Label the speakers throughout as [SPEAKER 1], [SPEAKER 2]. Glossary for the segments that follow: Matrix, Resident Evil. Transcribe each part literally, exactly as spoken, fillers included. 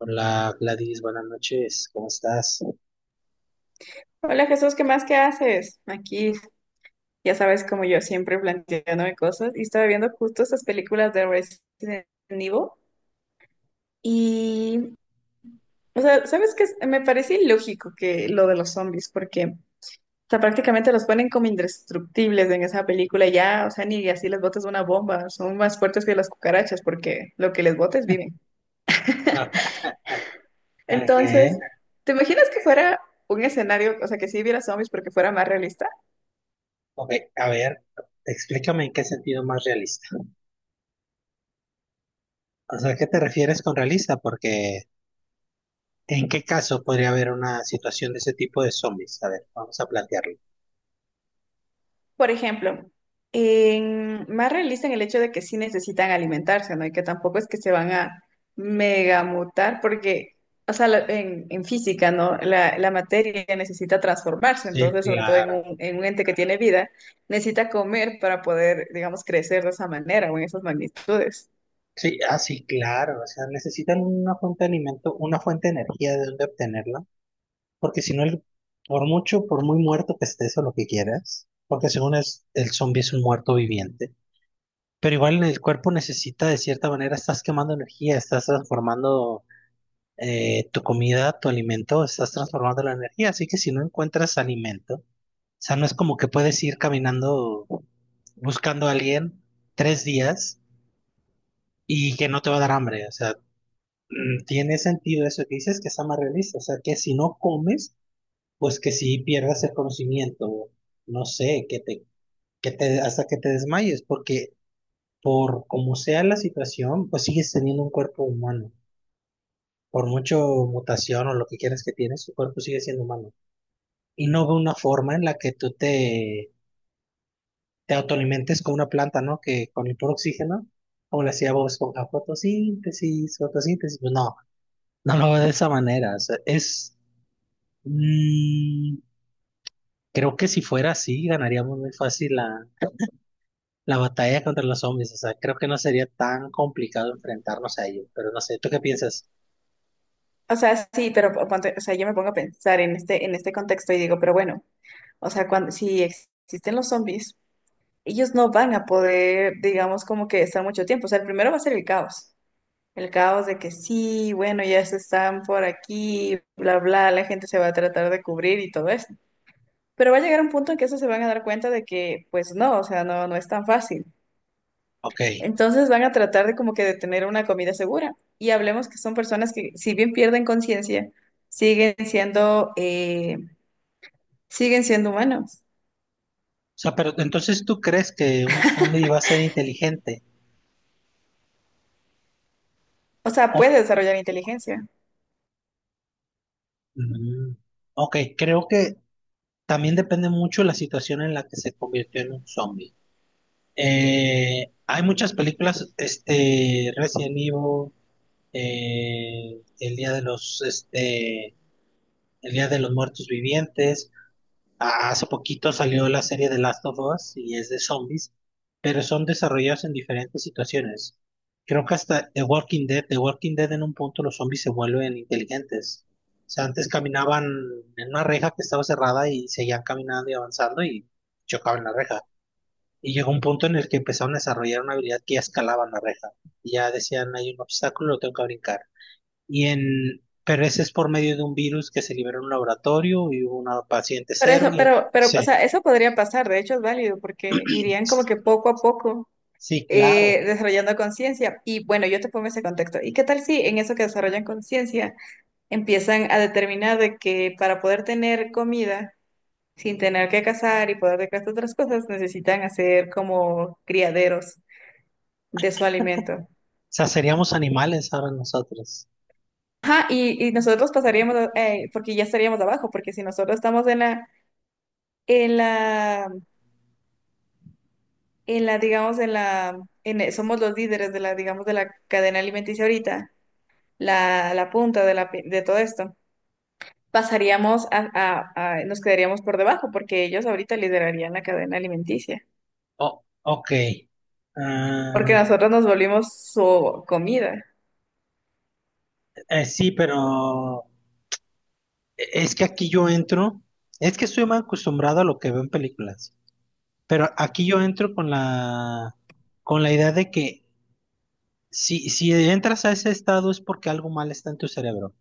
[SPEAKER 1] Hola Gladys, buenas noches, ¿cómo estás?
[SPEAKER 2] Hola Jesús, ¿qué más? ¿Qué haces? Aquí, ya sabes, como yo siempre planteándome cosas y estaba viendo justo estas películas de Resident Evil y, o sea, ¿sabes qué? Me parece ilógico que lo de los zombies porque, o sea, prácticamente los ponen como indestructibles en esa película y ya, o sea, ni así les botes una bomba, son más fuertes que las cucarachas porque lo que les botes viven.
[SPEAKER 1] Ah,
[SPEAKER 2] Entonces,
[SPEAKER 1] ajé.
[SPEAKER 2] ¿te imaginas que fuera un escenario, o sea, que sí hubiera zombies, pero que fuera más realista?
[SPEAKER 1] Ok, a ver, explícame en qué sentido más realista. O sea, ¿qué te refieres con realista? Porque, ¿en qué caso podría haber una situación de ese tipo de zombies? A ver, vamos a plantearlo.
[SPEAKER 2] Por ejemplo, en- más realista en el hecho de que sí necesitan alimentarse, ¿no? Y que tampoco es que se van a megamutar, porque, o sea, la- en, en física, ¿no? La, la materia necesita transformarse,
[SPEAKER 1] Sí,
[SPEAKER 2] entonces, sobre todo en
[SPEAKER 1] claro.
[SPEAKER 2] un, en un ente que tiene vida, necesita comer para poder, digamos, crecer de esa manera o en esas magnitudes.
[SPEAKER 1] Sí, ah, sí, claro. O sea, necesitan una fuente de alimento, una fuente de energía de dónde obtenerla. Porque si no, el- por mucho, por muy muerto que estés o lo que quieras, porque según es, el zombie es un muerto viviente. Pero igual el cuerpo necesita, de cierta manera, estás quemando energía, estás transformando eh, tu comida, tu alimento, estás transformando la energía. Así que si no encuentras alimento, o sea, no es como que puedes ir caminando buscando a alguien tres días y que no te va a dar hambre. O sea, mm, tiene sentido eso que dices, que está más realista. O sea, que si no comes, pues que si pierdas el conocimiento, no sé, que te, que te, hasta que te desmayes, porque por como sea la situación, pues sigues teniendo un cuerpo humano. Por mucho mutación o lo que quieras que tienes, tu cuerpo sigue siendo humano. Y no veo una forma en la que tú te, te autoalimentes con una planta, ¿no? Que con el puro oxígeno, como le hacía Bob Esponja, fotosíntesis, fotosíntesis. Pues no, no lo veo de esa manera. O sea, es, mm, creo que si fuera así, ganaríamos muy fácil la, la batalla contra los zombies. O sea, creo que no sería tan complicado enfrentarnos a ellos. Pero no sé, ¿tú qué piensas?
[SPEAKER 2] O sea, sí, pero ponte- o sea, yo me pongo a pensar en este, en este contexto y digo, pero bueno, o sea, cuando, si existen los zombies. Ellos no van a poder, digamos, como que estar mucho tiempo. O sea, el primero va a ser el caos. El caos de que sí, bueno, ya se están por aquí, bla, bla, la gente se va a tratar de cubrir y todo eso. Pero va a llegar un punto en que eso se van a dar cuenta de que, pues no, o sea, no, no es tan fácil.
[SPEAKER 1] Ok.
[SPEAKER 2] Entonces van a tratar de como que de tener una comida segura. Y hablemos que son personas que, si bien pierden conciencia, siguen siendo, eh, siguen siendo humanos.
[SPEAKER 1] O sea, pero entonces tú crees que un zombie va a ser inteligente.
[SPEAKER 2] O sea,
[SPEAKER 1] O-
[SPEAKER 2] puede desarrollar inteligencia.
[SPEAKER 1] Mm, ok, creo que también depende mucho la situación en la que se convirtió en un zombie. Eh, hay muchas películas, este, Resident Evil, eh, El Día de los, este, El Día de los Muertos Vivientes. Ah, hace poquito salió la serie de Last of Us y es de zombies, pero son desarrollados en diferentes situaciones. Creo que hasta The Walking Dead, The Walking Dead en un punto los zombies se vuelven inteligentes. O sea, antes caminaban en una reja que estaba cerrada y seguían caminando y avanzando y chocaban la reja. Y llegó un punto en el que empezaron a desarrollar una habilidad que ya escalaban la reja. Y ya decían, hay un obstáculo, lo tengo que brincar. Y en, pero ese es por medio de un virus que se liberó en un laboratorio y hubo una paciente
[SPEAKER 2] Pero
[SPEAKER 1] cero
[SPEAKER 2] eso,
[SPEAKER 1] y
[SPEAKER 2] pero, pero, o
[SPEAKER 1] sí.
[SPEAKER 2] sea, eso podría pasar, de hecho es válido, porque irían como que poco a poco
[SPEAKER 1] Sí, claro.
[SPEAKER 2] eh,
[SPEAKER 1] O
[SPEAKER 2] desarrollando conciencia. Y bueno, yo te pongo ese contexto. ¿Y qué tal si en eso que desarrollan conciencia empiezan a determinar de que para poder tener comida sin tener que cazar y poder dejar estas otras cosas, necesitan hacer como criaderos de su alimento?
[SPEAKER 1] sea, seríamos animales ahora nosotros.
[SPEAKER 2] Ajá, y, y nosotros pasaríamos, a- eh, porque ya estaríamos abajo, porque si nosotros estamos en la, en la en la, digamos, en la, en, e, somos los líderes de la, digamos, de la cadena alimenticia ahorita, la, la punta de, la, pi- de todo esto, pasaríamos a, a- a- nos quedaríamos por debajo porque ellos ahorita liderarían la cadena alimenticia,
[SPEAKER 1] Oh, ok.
[SPEAKER 2] porque
[SPEAKER 1] Ah,
[SPEAKER 2] nosotros nos volvimos su comida.
[SPEAKER 1] eh, sí, pero eh, es que aquí yo entro, es que estoy más acostumbrado a lo que veo en películas, pero aquí yo entro con la, con la idea de que si, si entras a ese estado es porque algo mal está en tu cerebro.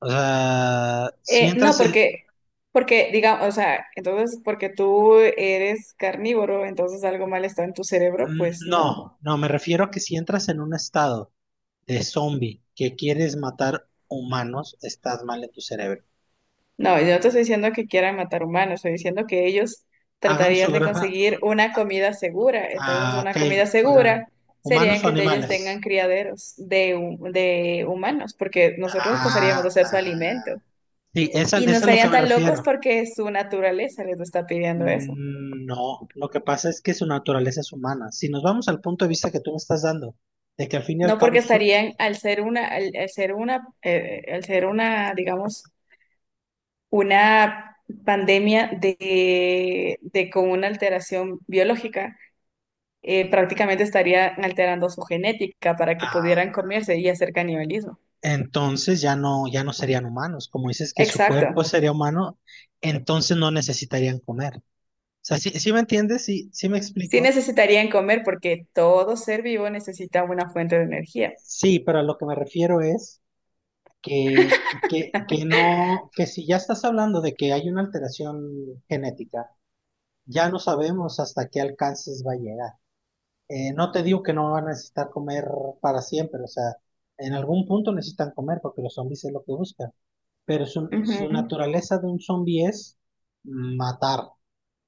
[SPEAKER 1] O sea, si
[SPEAKER 2] Eh, no,
[SPEAKER 1] entras en,
[SPEAKER 2] porque, porque, digamos, o sea, entonces, porque tú eres carnívoro, entonces algo mal está en tu cerebro, pues
[SPEAKER 1] mm,
[SPEAKER 2] no.
[SPEAKER 1] no, no, me refiero a que si entras en un estado de zombie que quieres matar humanos, estás mal en tu cerebro.
[SPEAKER 2] No, yo no te estoy diciendo que quieran matar humanos, estoy diciendo que ellos
[SPEAKER 1] Hagan
[SPEAKER 2] tratarían
[SPEAKER 1] su
[SPEAKER 2] de
[SPEAKER 1] granja
[SPEAKER 2] conseguir una comida segura. Entonces,
[SPEAKER 1] a
[SPEAKER 2] una
[SPEAKER 1] que
[SPEAKER 2] comida
[SPEAKER 1] fueran
[SPEAKER 2] segura sería
[SPEAKER 1] humanos o
[SPEAKER 2] que te- ellos tengan
[SPEAKER 1] animales.
[SPEAKER 2] criaderos de, hu- de humanos, porque nosotros pasaríamos
[SPEAKER 1] Ah,
[SPEAKER 2] de ser su alimento.
[SPEAKER 1] ah. Sí, esa-
[SPEAKER 2] Y
[SPEAKER 1] eso
[SPEAKER 2] no
[SPEAKER 1] es a lo que
[SPEAKER 2] estarían
[SPEAKER 1] me
[SPEAKER 2] tan locos
[SPEAKER 1] refiero.
[SPEAKER 2] porque su naturaleza les está pidiendo eso.
[SPEAKER 1] Mm, no, lo que pasa es que su naturaleza es humana. Si nos vamos al punto de vista que tú me estás dando, de que al fin y al
[SPEAKER 2] No
[SPEAKER 1] cabo,
[SPEAKER 2] porque
[SPEAKER 1] son...
[SPEAKER 2] estarían al ser una, al, al ser una, eh, al ser una, digamos, una pandemia de, de con una alteración biológica eh, prácticamente estarían alterando su genética para que pudieran
[SPEAKER 1] ah,
[SPEAKER 2] comerse y hacer canibalismo.
[SPEAKER 1] entonces ya no, ya no serían humanos. Como dices que su
[SPEAKER 2] Exacto.
[SPEAKER 1] cuerpo sería humano, entonces no necesitarían comer. O sea, ¿sí, sí me entiendes? Sí, sí me
[SPEAKER 2] Sí
[SPEAKER 1] explico.
[SPEAKER 2] necesitarían comer porque todo ser vivo necesita una fuente de energía.
[SPEAKER 1] Sí, pero a lo que me refiero es que, que, que no, que si ya estás hablando de que hay una alteración genética, ya no sabemos hasta qué alcances va a llegar. Eh, no te digo que no van a necesitar comer para siempre, o sea, en algún punto necesitan comer porque los zombies es lo que buscan, pero su,
[SPEAKER 2] Ujú,
[SPEAKER 1] su naturaleza de un zombie es matar,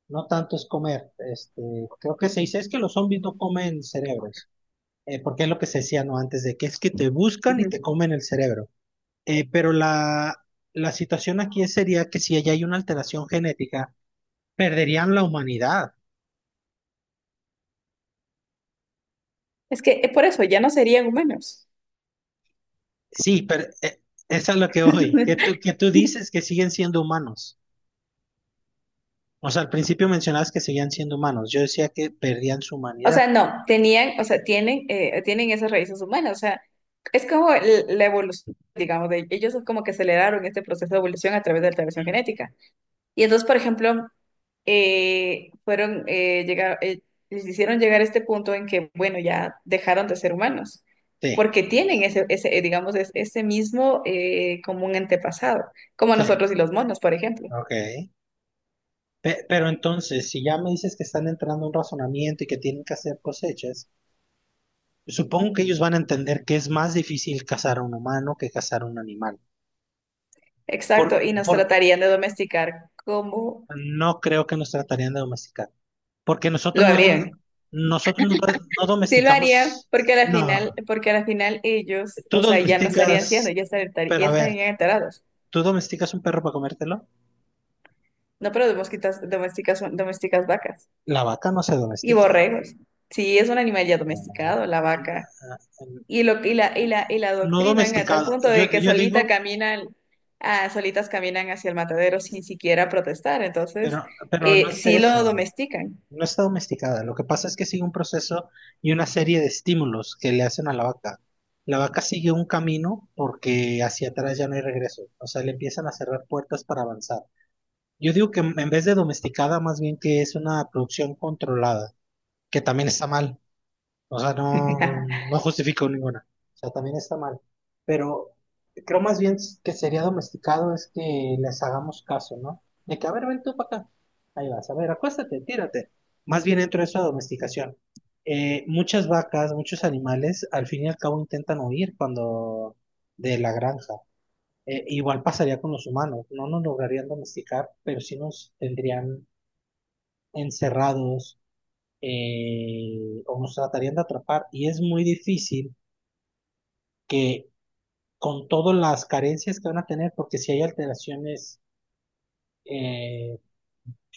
[SPEAKER 1] no tanto es comer. Este, creo que se dice es que los zombies no comen cerebros, eh, porque es lo que se decía no antes de que es que te buscan y
[SPEAKER 2] ujú.
[SPEAKER 1] te comen el cerebro. Eh, pero la, la situación aquí sería que si allá hay una alteración genética, perderían la humanidad.
[SPEAKER 2] Es que eh, por eso ya no serían humanos.
[SPEAKER 1] Sí, pero eh, eso es lo que voy, que tú, que tú dices que siguen siendo humanos. O sea, al principio mencionabas que seguían siendo humanos. Yo decía que perdían su
[SPEAKER 2] O
[SPEAKER 1] humanidad.
[SPEAKER 2] sea, no, tenían, o sea, tienen, eh, tienen esas raíces humanas. O sea, es como el- la evolución, digamos, de ellos es como que aceleraron este proceso de evolución a través de la alteración
[SPEAKER 1] Mm.
[SPEAKER 2] genética. Y entonces, por ejemplo, eh, fueron, eh, llegar- eh, les hicieron llegar a este punto en que, bueno, ya dejaron de ser humanos,
[SPEAKER 1] Sí,
[SPEAKER 2] porque tienen ese, ese, eh, digamos, es- ese mismo eh, común antepasado, como
[SPEAKER 1] sí,
[SPEAKER 2] nosotros y los monos, por ejemplo.
[SPEAKER 1] ok. Pe- pero entonces, si ya me dices que están entrando en un razonamiento y que tienen que hacer cosechas, supongo que ellos van a entender que es más difícil cazar a un humano que cazar a un animal. Por,
[SPEAKER 2] Exacto, y nos
[SPEAKER 1] por-
[SPEAKER 2] tratarían de domesticar como
[SPEAKER 1] No creo que nos tratarían de domesticar, porque nosotros
[SPEAKER 2] lo
[SPEAKER 1] no,
[SPEAKER 2] harían.
[SPEAKER 1] dom- nosotros no, do- no
[SPEAKER 2] Sí lo harían,
[SPEAKER 1] domesticamos,
[SPEAKER 2] porque al
[SPEAKER 1] no,
[SPEAKER 2] final, porque al final ellos,
[SPEAKER 1] tú
[SPEAKER 2] o sea, ya no estarían siendo,
[SPEAKER 1] domesticas,
[SPEAKER 2] ya estarían,
[SPEAKER 1] pero
[SPEAKER 2] ya
[SPEAKER 1] a ver,
[SPEAKER 2] estarían enterados.
[SPEAKER 1] ¿tú domesticas un perro para comértelo?
[SPEAKER 2] No, pero domesticas, domesticas, domesticas vacas.
[SPEAKER 1] La vaca no se
[SPEAKER 2] Y
[SPEAKER 1] domestica.
[SPEAKER 2] borregos. Sí, es un animal ya
[SPEAKER 1] No,
[SPEAKER 2] domesticado,
[SPEAKER 1] no,
[SPEAKER 2] la vaca.
[SPEAKER 1] no,
[SPEAKER 2] Y lo y la y la y la
[SPEAKER 1] no
[SPEAKER 2] adoctrinan a tal
[SPEAKER 1] domesticado,
[SPEAKER 2] punto
[SPEAKER 1] yo,
[SPEAKER 2] de que
[SPEAKER 1] yo
[SPEAKER 2] solita
[SPEAKER 1] digo,
[SPEAKER 2] caminan, ah, solitas caminan hacia el matadero sin siquiera protestar. Entonces,
[SPEAKER 1] pero, pero no
[SPEAKER 2] eh,
[SPEAKER 1] es
[SPEAKER 2] sí lo
[SPEAKER 1] eso.
[SPEAKER 2] domestican.
[SPEAKER 1] No está domesticada. Lo que pasa es que sigue un proceso y una serie de estímulos que le hacen a la vaca. La vaca sigue un camino porque hacia atrás ya no hay regreso. O sea, le empiezan a cerrar puertas para avanzar. Yo digo que en vez de domesticada, más bien que es una producción controlada, que también está mal. O sea, no, no justifico ninguna. O sea, también está mal. Pero creo más bien que sería domesticado es que les hagamos caso, ¿no? De que, a ver, ven tú para acá. Ahí vas, a ver, acuéstate, tírate. Más bien dentro de esa domesticación. Eh, muchas vacas, muchos animales, al fin y al cabo intentan huir cuando de la granja. Eh, igual pasaría con los humanos. No nos lograrían domesticar, pero sí nos tendrían encerrados eh, o nos tratarían de atrapar. Y es muy difícil que con todas las carencias que van a tener, porque si hay alteraciones eh,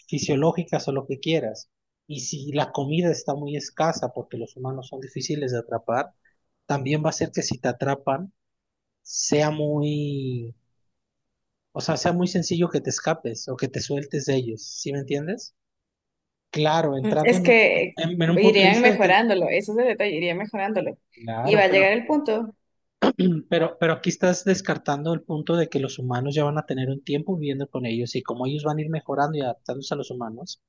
[SPEAKER 1] fisiológicas o lo que quieras, y si la comida está muy escasa, porque los humanos son difíciles de atrapar, también va a ser que si te atrapan, sea muy, o sea, sea muy sencillo que te escapes o que te sueltes de ellos, ¿sí me entiendes? Claro,
[SPEAKER 2] Mm,
[SPEAKER 1] entrando
[SPEAKER 2] es
[SPEAKER 1] en, un-
[SPEAKER 2] que
[SPEAKER 1] en, en un punto de
[SPEAKER 2] irían
[SPEAKER 1] vista de que,
[SPEAKER 2] mejorándolo, eso es el detalle, irían mejorándolo. Y va
[SPEAKER 1] claro,
[SPEAKER 2] a llegar
[SPEAKER 1] pero...
[SPEAKER 2] el punto.
[SPEAKER 1] Pero, pero aquí estás descartando el punto de que los humanos ya van a tener un tiempo viviendo con ellos y como ellos van a ir mejorando y adaptándose a los humanos,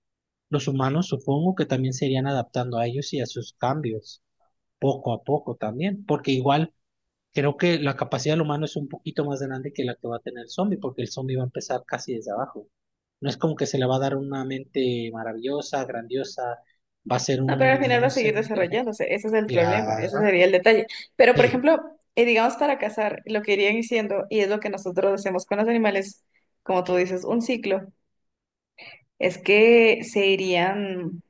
[SPEAKER 1] los humanos supongo que también se irían adaptando a ellos y a sus cambios, poco a poco también, porque igual creo que la capacidad del humano es un poquito más grande que la que va a tener el zombie, porque el zombie va a empezar casi desde abajo. No es como que se le va a dar una mente maravillosa, grandiosa, va a ser
[SPEAKER 2] No,
[SPEAKER 1] un,
[SPEAKER 2] pero al final va
[SPEAKER 1] un
[SPEAKER 2] a seguir
[SPEAKER 1] ser inteligente.
[SPEAKER 2] desarrollándose, ese es el problema, ese
[SPEAKER 1] Claro.
[SPEAKER 2] sería el detalle. Pero, por
[SPEAKER 1] Sí,
[SPEAKER 2] ejemplo, eh, digamos para cazar, lo que irían diciendo, y es lo que nosotros hacemos con los animales, como tú dices, un ciclo, es que se irían,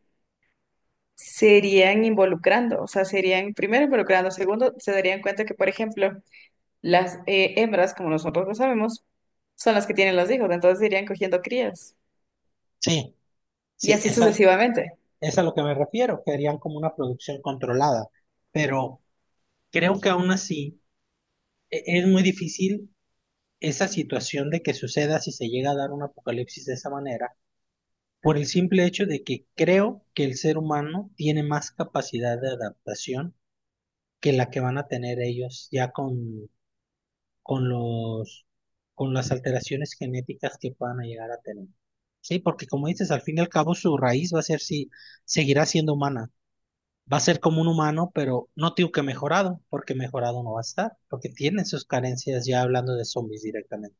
[SPEAKER 2] se irían involucrando, o sea, se irían primero involucrando, segundo, se darían cuenta que, por ejemplo, las eh, hembras, como nosotros lo sabemos, son las que tienen los hijos, entonces irían cogiendo crías,
[SPEAKER 1] sí,
[SPEAKER 2] y
[SPEAKER 1] sí,
[SPEAKER 2] así
[SPEAKER 1] esa...
[SPEAKER 2] sucesivamente.
[SPEAKER 1] es a lo que me refiero, que harían como una producción controlada, pero creo que aún así e- es muy difícil esa situación de que suceda si se llega a dar un apocalipsis de esa manera, por el simple hecho de que creo que el ser humano tiene más capacidad de adaptación que la que van a tener ellos ya con, con los, con las alteraciones genéticas que puedan llegar a tener. Sí, porque como dices, al fin y al cabo su raíz va a ser si seguirá siendo humana. Va a ser como un humano, pero no digo que mejorado, porque mejorado no va a estar, porque tiene sus carencias ya hablando de zombies directamente.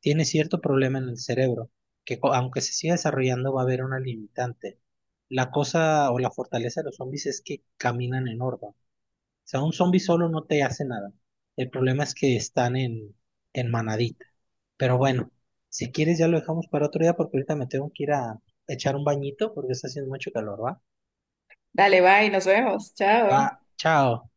[SPEAKER 1] Tiene cierto problema en el cerebro, que co- aunque se siga desarrollando va a haber una limitante. La cosa o la fortaleza de los zombies es que caminan en horda. O sea, un zombie solo no te hace nada. El problema es que están en, en manadita. Pero bueno, si quieres ya lo dejamos para otro día porque ahorita me tengo que ir a echar un bañito porque está haciendo mucho calor, ¿va?
[SPEAKER 2] Dale, bye, nos vemos,
[SPEAKER 1] Va,
[SPEAKER 2] chao.
[SPEAKER 1] chao.